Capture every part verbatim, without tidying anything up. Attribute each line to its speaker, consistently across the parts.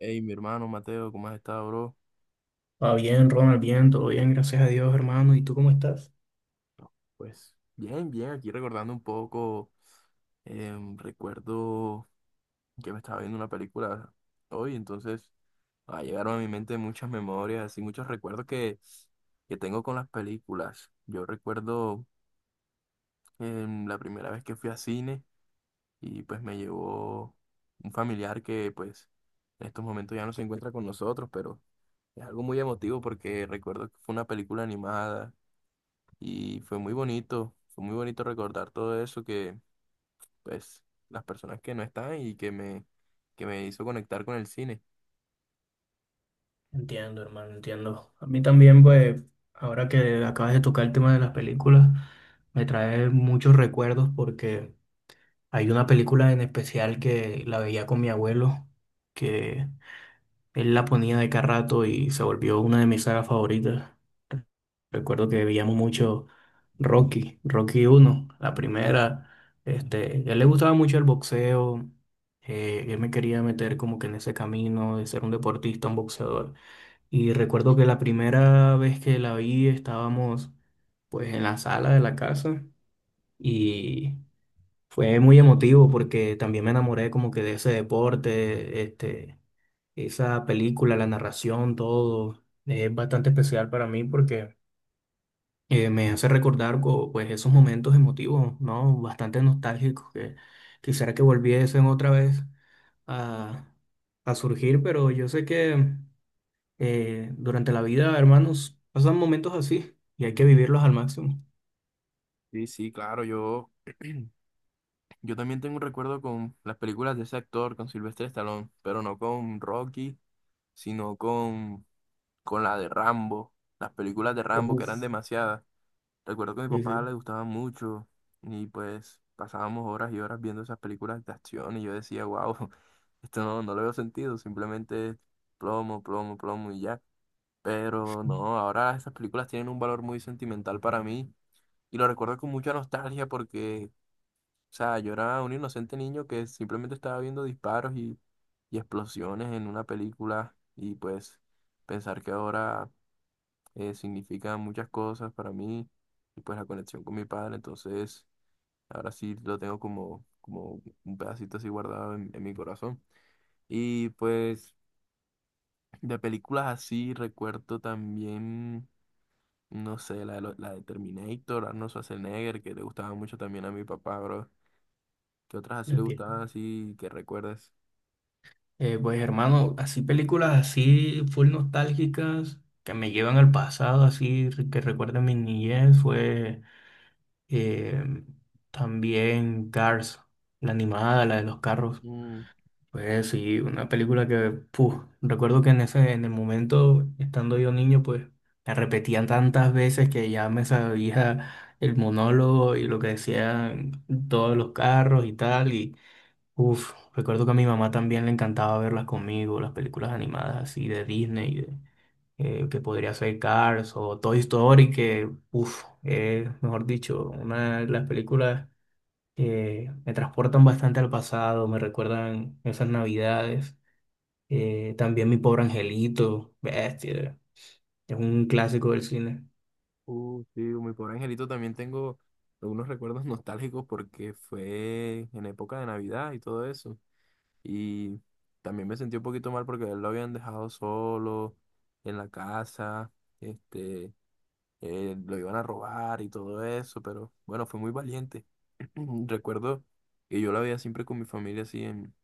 Speaker 1: Hey, mi hermano Mateo, ¿cómo has estado, bro?
Speaker 2: Va bien, Ronald, bien, todo bien, gracias a Dios, hermano. ¿Y tú cómo estás?
Speaker 1: Pues bien, bien, aquí recordando un poco. Em, recuerdo que me estaba viendo una película hoy, entonces ah, llegaron a mi mente muchas memorias y muchos recuerdos que, que tengo con las películas. Yo recuerdo, em, la primera vez que fui a cine, y pues me llevó un familiar que, pues, en estos momentos ya no se encuentra con nosotros, pero es algo muy emotivo porque recuerdo que fue una película animada. Y fue muy bonito, fue muy bonito recordar todo eso, que, pues, las personas que no están y que me, que me hizo conectar con el cine.
Speaker 2: Entiendo, hermano, entiendo. A mí también, pues, ahora que acabas de tocar el tema de las películas, me trae muchos recuerdos porque hay una película en especial que la veía con mi abuelo, que él la ponía de cada rato y se volvió una de mis sagas favoritas. Recuerdo que veíamos mucho Rocky, Rocky uno, la
Speaker 1: Uh,
Speaker 2: primera. Este, a él le gustaba mucho el boxeo. Eh, él me quería meter como que en ese camino de ser un deportista, un boxeador. Y recuerdo que la primera vez que la vi estábamos pues en la sala de la casa y fue muy emotivo porque también me enamoré como que de ese deporte, este esa película, la narración, todo es bastante especial para mí porque eh, me hace recordar co- pues, esos momentos emotivos, ¿no? Bastante nostálgicos que quisiera que volviesen otra vez a, a surgir, pero yo sé que eh, durante la vida, hermanos, pasan momentos así y hay que vivirlos al máximo.
Speaker 1: Sí, sí, claro, yo, yo también tengo un recuerdo con las películas de ese actor, con Sylvester Stallone, pero no con Rocky, sino con, con la de Rambo, las películas de Rambo que eran
Speaker 2: Uf,
Speaker 1: demasiadas. Recuerdo que a mi
Speaker 2: sí, sí,
Speaker 1: papá le gustaba mucho, y pues pasábamos horas y horas viendo esas películas de acción y yo decía, wow, esto no, no le veo sentido, simplemente plomo, plomo, plomo y ya. Pero no, ahora esas películas tienen un valor muy sentimental para mí y lo recuerdo con mucha nostalgia porque, o sea, yo era un inocente niño que simplemente estaba viendo disparos y, y explosiones en una película, y pues pensar que ahora eh, significa muchas cosas para mí, y pues la conexión con mi padre. Entonces ahora sí lo tengo como, como un pedacito así guardado en, en mi corazón. Y pues de películas así recuerdo también, no sé, la de, lo- la de Terminator, Arnold Schwarzenegger, que le gustaba mucho también a mi papá, bro. ¿Qué otras así le
Speaker 2: entiendo.
Speaker 1: gustaban así que recuerdes?
Speaker 2: Eh, pues hermano, así películas así full nostálgicas que me llevan al pasado, así re- que recuerden mi niñez, fue eh, también Cars, la animada, la de los carros.
Speaker 1: Mm,
Speaker 2: Pues sí, una película que, puf, recuerdo que en ese, en el momento, estando yo niño, pues la repetían tantas veces que ya me sabía el monólogo y lo que decían todos los carros y tal. Uf, recuerdo que a mi mamá también le encantaba verlas conmigo, las películas animadas así de Disney, de- eh, que podría ser Cars o Toy Story, que, uf, es, mejor dicho, una de las películas que me transportan bastante al pasado, me recuerdan esas navidades. Eh, también Mi Pobre Angelito, bestia, es un clásico del cine.
Speaker 1: uh, sí, mi pobre angelito también tengo algunos recuerdos nostálgicos porque fue en época de Navidad y todo eso. Y también me sentí un poquito mal porque a él lo habían dejado solo en la casa, este, eh, lo iban a robar y todo eso, pero bueno, fue muy valiente. Recuerdo que yo la veía siempre con mi familia así en,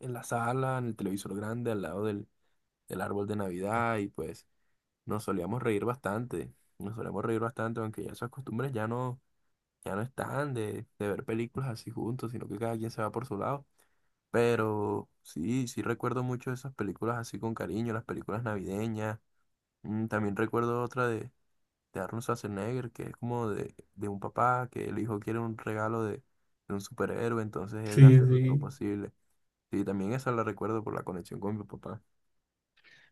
Speaker 1: en la sala, en el televisor grande, al lado del, del árbol de Navidad, y pues nos solíamos reír bastante, nos solíamos reír bastante, aunque ya esas costumbres ya no, ya no están de, de ver películas así juntos, sino que cada quien se va por su lado. Pero sí, sí recuerdo mucho esas películas así con cariño, las películas navideñas. Mm, también recuerdo otra de, de Arnold Schwarzenegger, que es como de, de un papá que el hijo quiere un regalo de, de un superhéroe, entonces él
Speaker 2: Sí,
Speaker 1: hace lo lo
Speaker 2: sí.
Speaker 1: posible. Sí, también esa la recuerdo por la conexión con mi papá.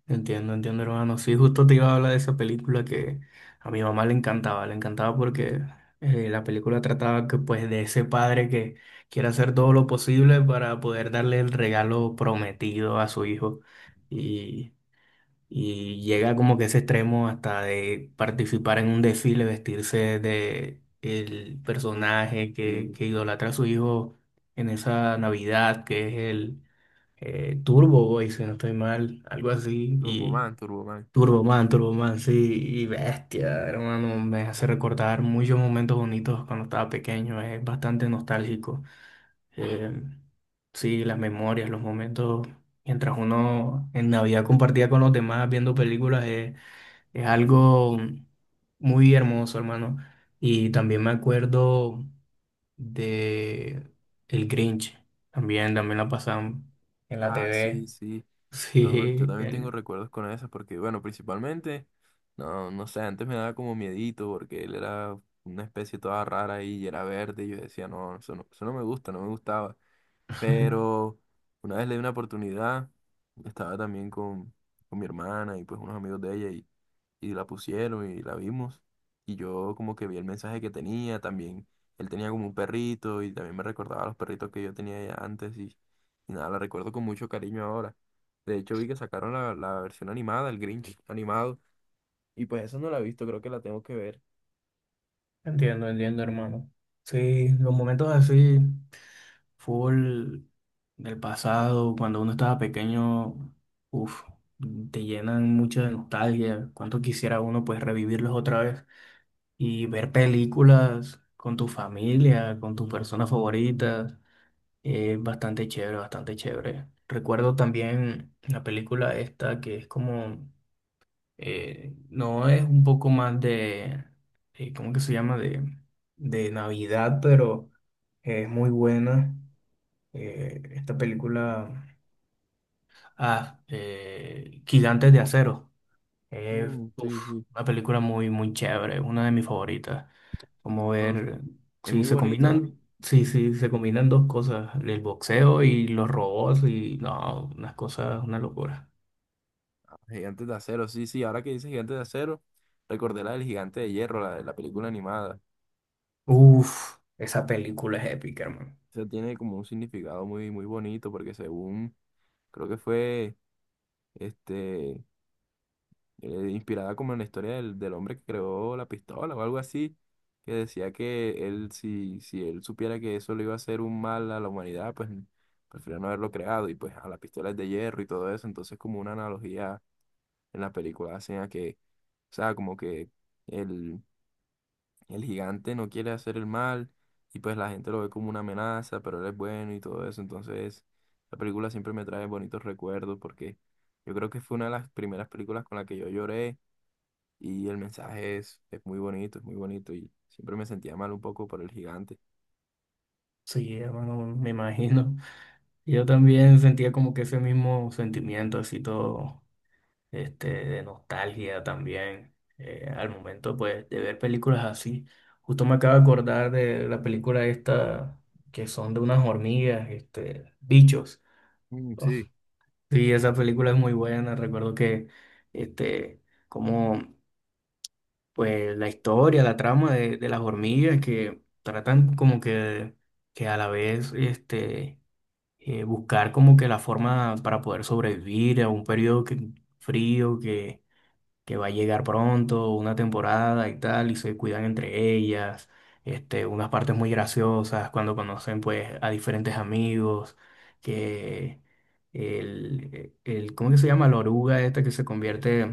Speaker 2: Entiendo, entiendo, hermano. Sí, justo te iba a hablar de esa película que a mi mamá le encantaba, le encantaba porque eh, la película trataba que, pues, de ese padre que quiere hacer todo lo posible para poder darle el regalo prometido a su hijo y, y llega como que a ese extremo hasta de participar en un desfile, vestirse de el
Speaker 1: Uh,
Speaker 2: personaje que,
Speaker 1: sí,
Speaker 2: que idolatra a su hijo en esa Navidad que es el eh, Turbo Boy, si no estoy mal, algo así. Y
Speaker 1: Turboman, Turboman.
Speaker 2: Turboman, Turboman, sí, y bestia, hermano, me hace recordar muchos momentos bonitos cuando estaba pequeño, es bastante nostálgico. Eh, sí, las memorias, los momentos, mientras uno en Navidad compartía con los demás viendo películas, es es algo muy hermoso, hermano. Y también me acuerdo de El Grinch, también, también la pasaban en la
Speaker 1: Ah, sí,
Speaker 2: T V.
Speaker 1: sí. Yo, yo
Speaker 2: Sí,
Speaker 1: también tengo
Speaker 2: el.
Speaker 1: recuerdos con esas porque, bueno, principalmente, no, no sé, antes me daba como miedito porque él era una especie toda rara ahí y era verde y yo decía, no, eso no, eso no me gusta, no me gustaba. Pero una vez le di una oportunidad, estaba también con, con mi hermana y pues unos amigos de ella, y, y la pusieron y la vimos. Y yo como que vi el mensaje que tenía también. Él tenía como un perrito y también me recordaba a los perritos que yo tenía ya antes, y, y nada, la recuerdo con mucho cariño ahora. De hecho vi que sacaron la, la versión animada, el Grinch animado. Y pues esa no la he visto, creo que la tengo que ver.
Speaker 2: Entiendo, entiendo, hermano. Sí, los momentos así, full del pasado, cuando uno estaba pequeño, uff, te llenan mucha de nostalgia. Cuánto quisiera uno pues revivirlos otra vez y ver películas con tu familia, con tus personas favoritas, es bastante chévere, bastante chévere. Recuerdo también la película esta que es como eh, no es un poco más de, eh, ¿cómo que se llama? De, de Navidad, pero es muy buena. Eh, esta película, ah, eh, Gigantes de Acero. Es
Speaker 1: Mm, sí,
Speaker 2: uf,
Speaker 1: sí.
Speaker 2: una película muy, muy chévere, una de mis favoritas. Como
Speaker 1: No, o sea,
Speaker 2: ver
Speaker 1: es
Speaker 2: si
Speaker 1: muy
Speaker 2: se
Speaker 1: bonito.
Speaker 2: combinan, si, si se combinan dos cosas, el boxeo y los robots, y no, unas cosas, una locura.
Speaker 1: Gigantes de acero, sí, sí, ahora que dices gigantes de acero, recordé la del gigante de hierro, la de la película animada.
Speaker 2: Uf, esa película es épica, hermano.
Speaker 1: Eso tiene como un significado muy, muy bonito porque, según, creo que fue, este, eh, inspirada como en la historia del, del hombre que creó la pistola o algo así, que decía que él, si, si él supiera que eso le iba a hacer un mal a la humanidad, pues prefiero no haberlo creado, y pues a la pistola es de hierro y todo eso, entonces como una analogía en la película hacen a que, o sea, como que... El, El gigante no quiere hacer el mal, y pues la gente lo ve como una amenaza, pero él es bueno y todo eso. Entonces, la película siempre me trae bonitos recuerdos porque yo creo que fue una de las primeras películas con la que yo lloré, y el mensaje es, es muy bonito, es muy bonito, y siempre me sentía mal un poco por el gigante.
Speaker 2: Sí, hermano, me imagino. Yo también sentía como que ese mismo sentimiento, así todo, este, de nostalgia también, eh, al momento, pues, de ver películas así. Justo me acabo de acordar de la película esta, que son de unas hormigas, este, bichos.
Speaker 1: Mm,
Speaker 2: Oh,
Speaker 1: sí.
Speaker 2: sí, esa película es muy buena. Recuerdo que, este, como, pues, la historia, la trama de, de las hormigas que tratan como que, que a la vez, este eh, buscar como que la forma para poder sobrevivir a un periodo que- frío que, que va a llegar pronto, una temporada y tal, y se cuidan entre ellas, este, unas partes muy graciosas cuando conocen pues a diferentes amigos, que el, el ¿cómo que se llama? La oruga esta que se convierte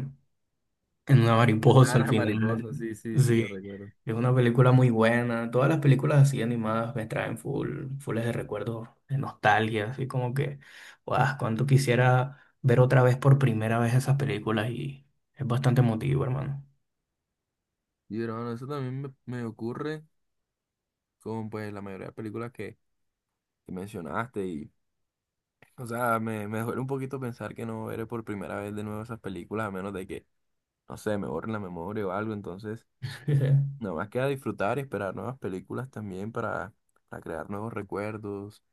Speaker 2: en una
Speaker 1: Ah,
Speaker 2: mariposa al
Speaker 1: la
Speaker 2: final.
Speaker 1: mariposa, sí, sí, sí, lo
Speaker 2: Sí,
Speaker 1: recuerdo.
Speaker 2: es una película muy buena. Todas las películas así animadas me traen full, fulles de recuerdos, de nostalgia, así como que, guau, cuánto quisiera ver otra vez por primera vez esas películas y es bastante emotivo, hermano.
Speaker 1: Y bueno, eso también me, me ocurre con pues la mayoría de películas que, que mencionaste y, o sea, me, me duele un poquito pensar que no veré por primera vez de nuevo esas películas, a menos de que, no sé, me borren la memoria o algo. Entonces, nada más queda disfrutar y esperar nuevas películas también para, para crear nuevos recuerdos,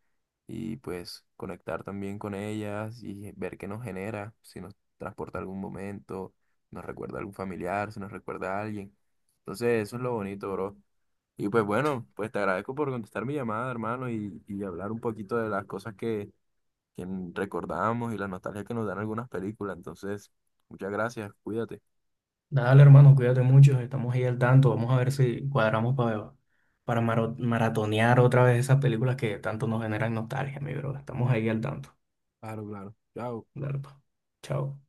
Speaker 1: y pues conectar también con ellas y ver qué nos genera, si nos transporta a algún momento, si nos recuerda a algún familiar, si nos recuerda a alguien. Entonces, eso es lo bonito, bro. Y pues bueno, pues te agradezco por contestar mi llamada, hermano, y, y hablar un poquito de las cosas que recordamos y la nostalgia que nos dan algunas películas. Entonces, muchas gracias, cuídate.
Speaker 2: Dale, hermano, cuídate mucho, estamos ahí al tanto. Vamos a ver si cuadramos para, para maro- maratonear otra vez esas películas que tanto nos generan nostalgia, mi bro. Estamos ahí al tanto.
Speaker 1: Claro, claro. Chao.
Speaker 2: Dale, pa. Chao.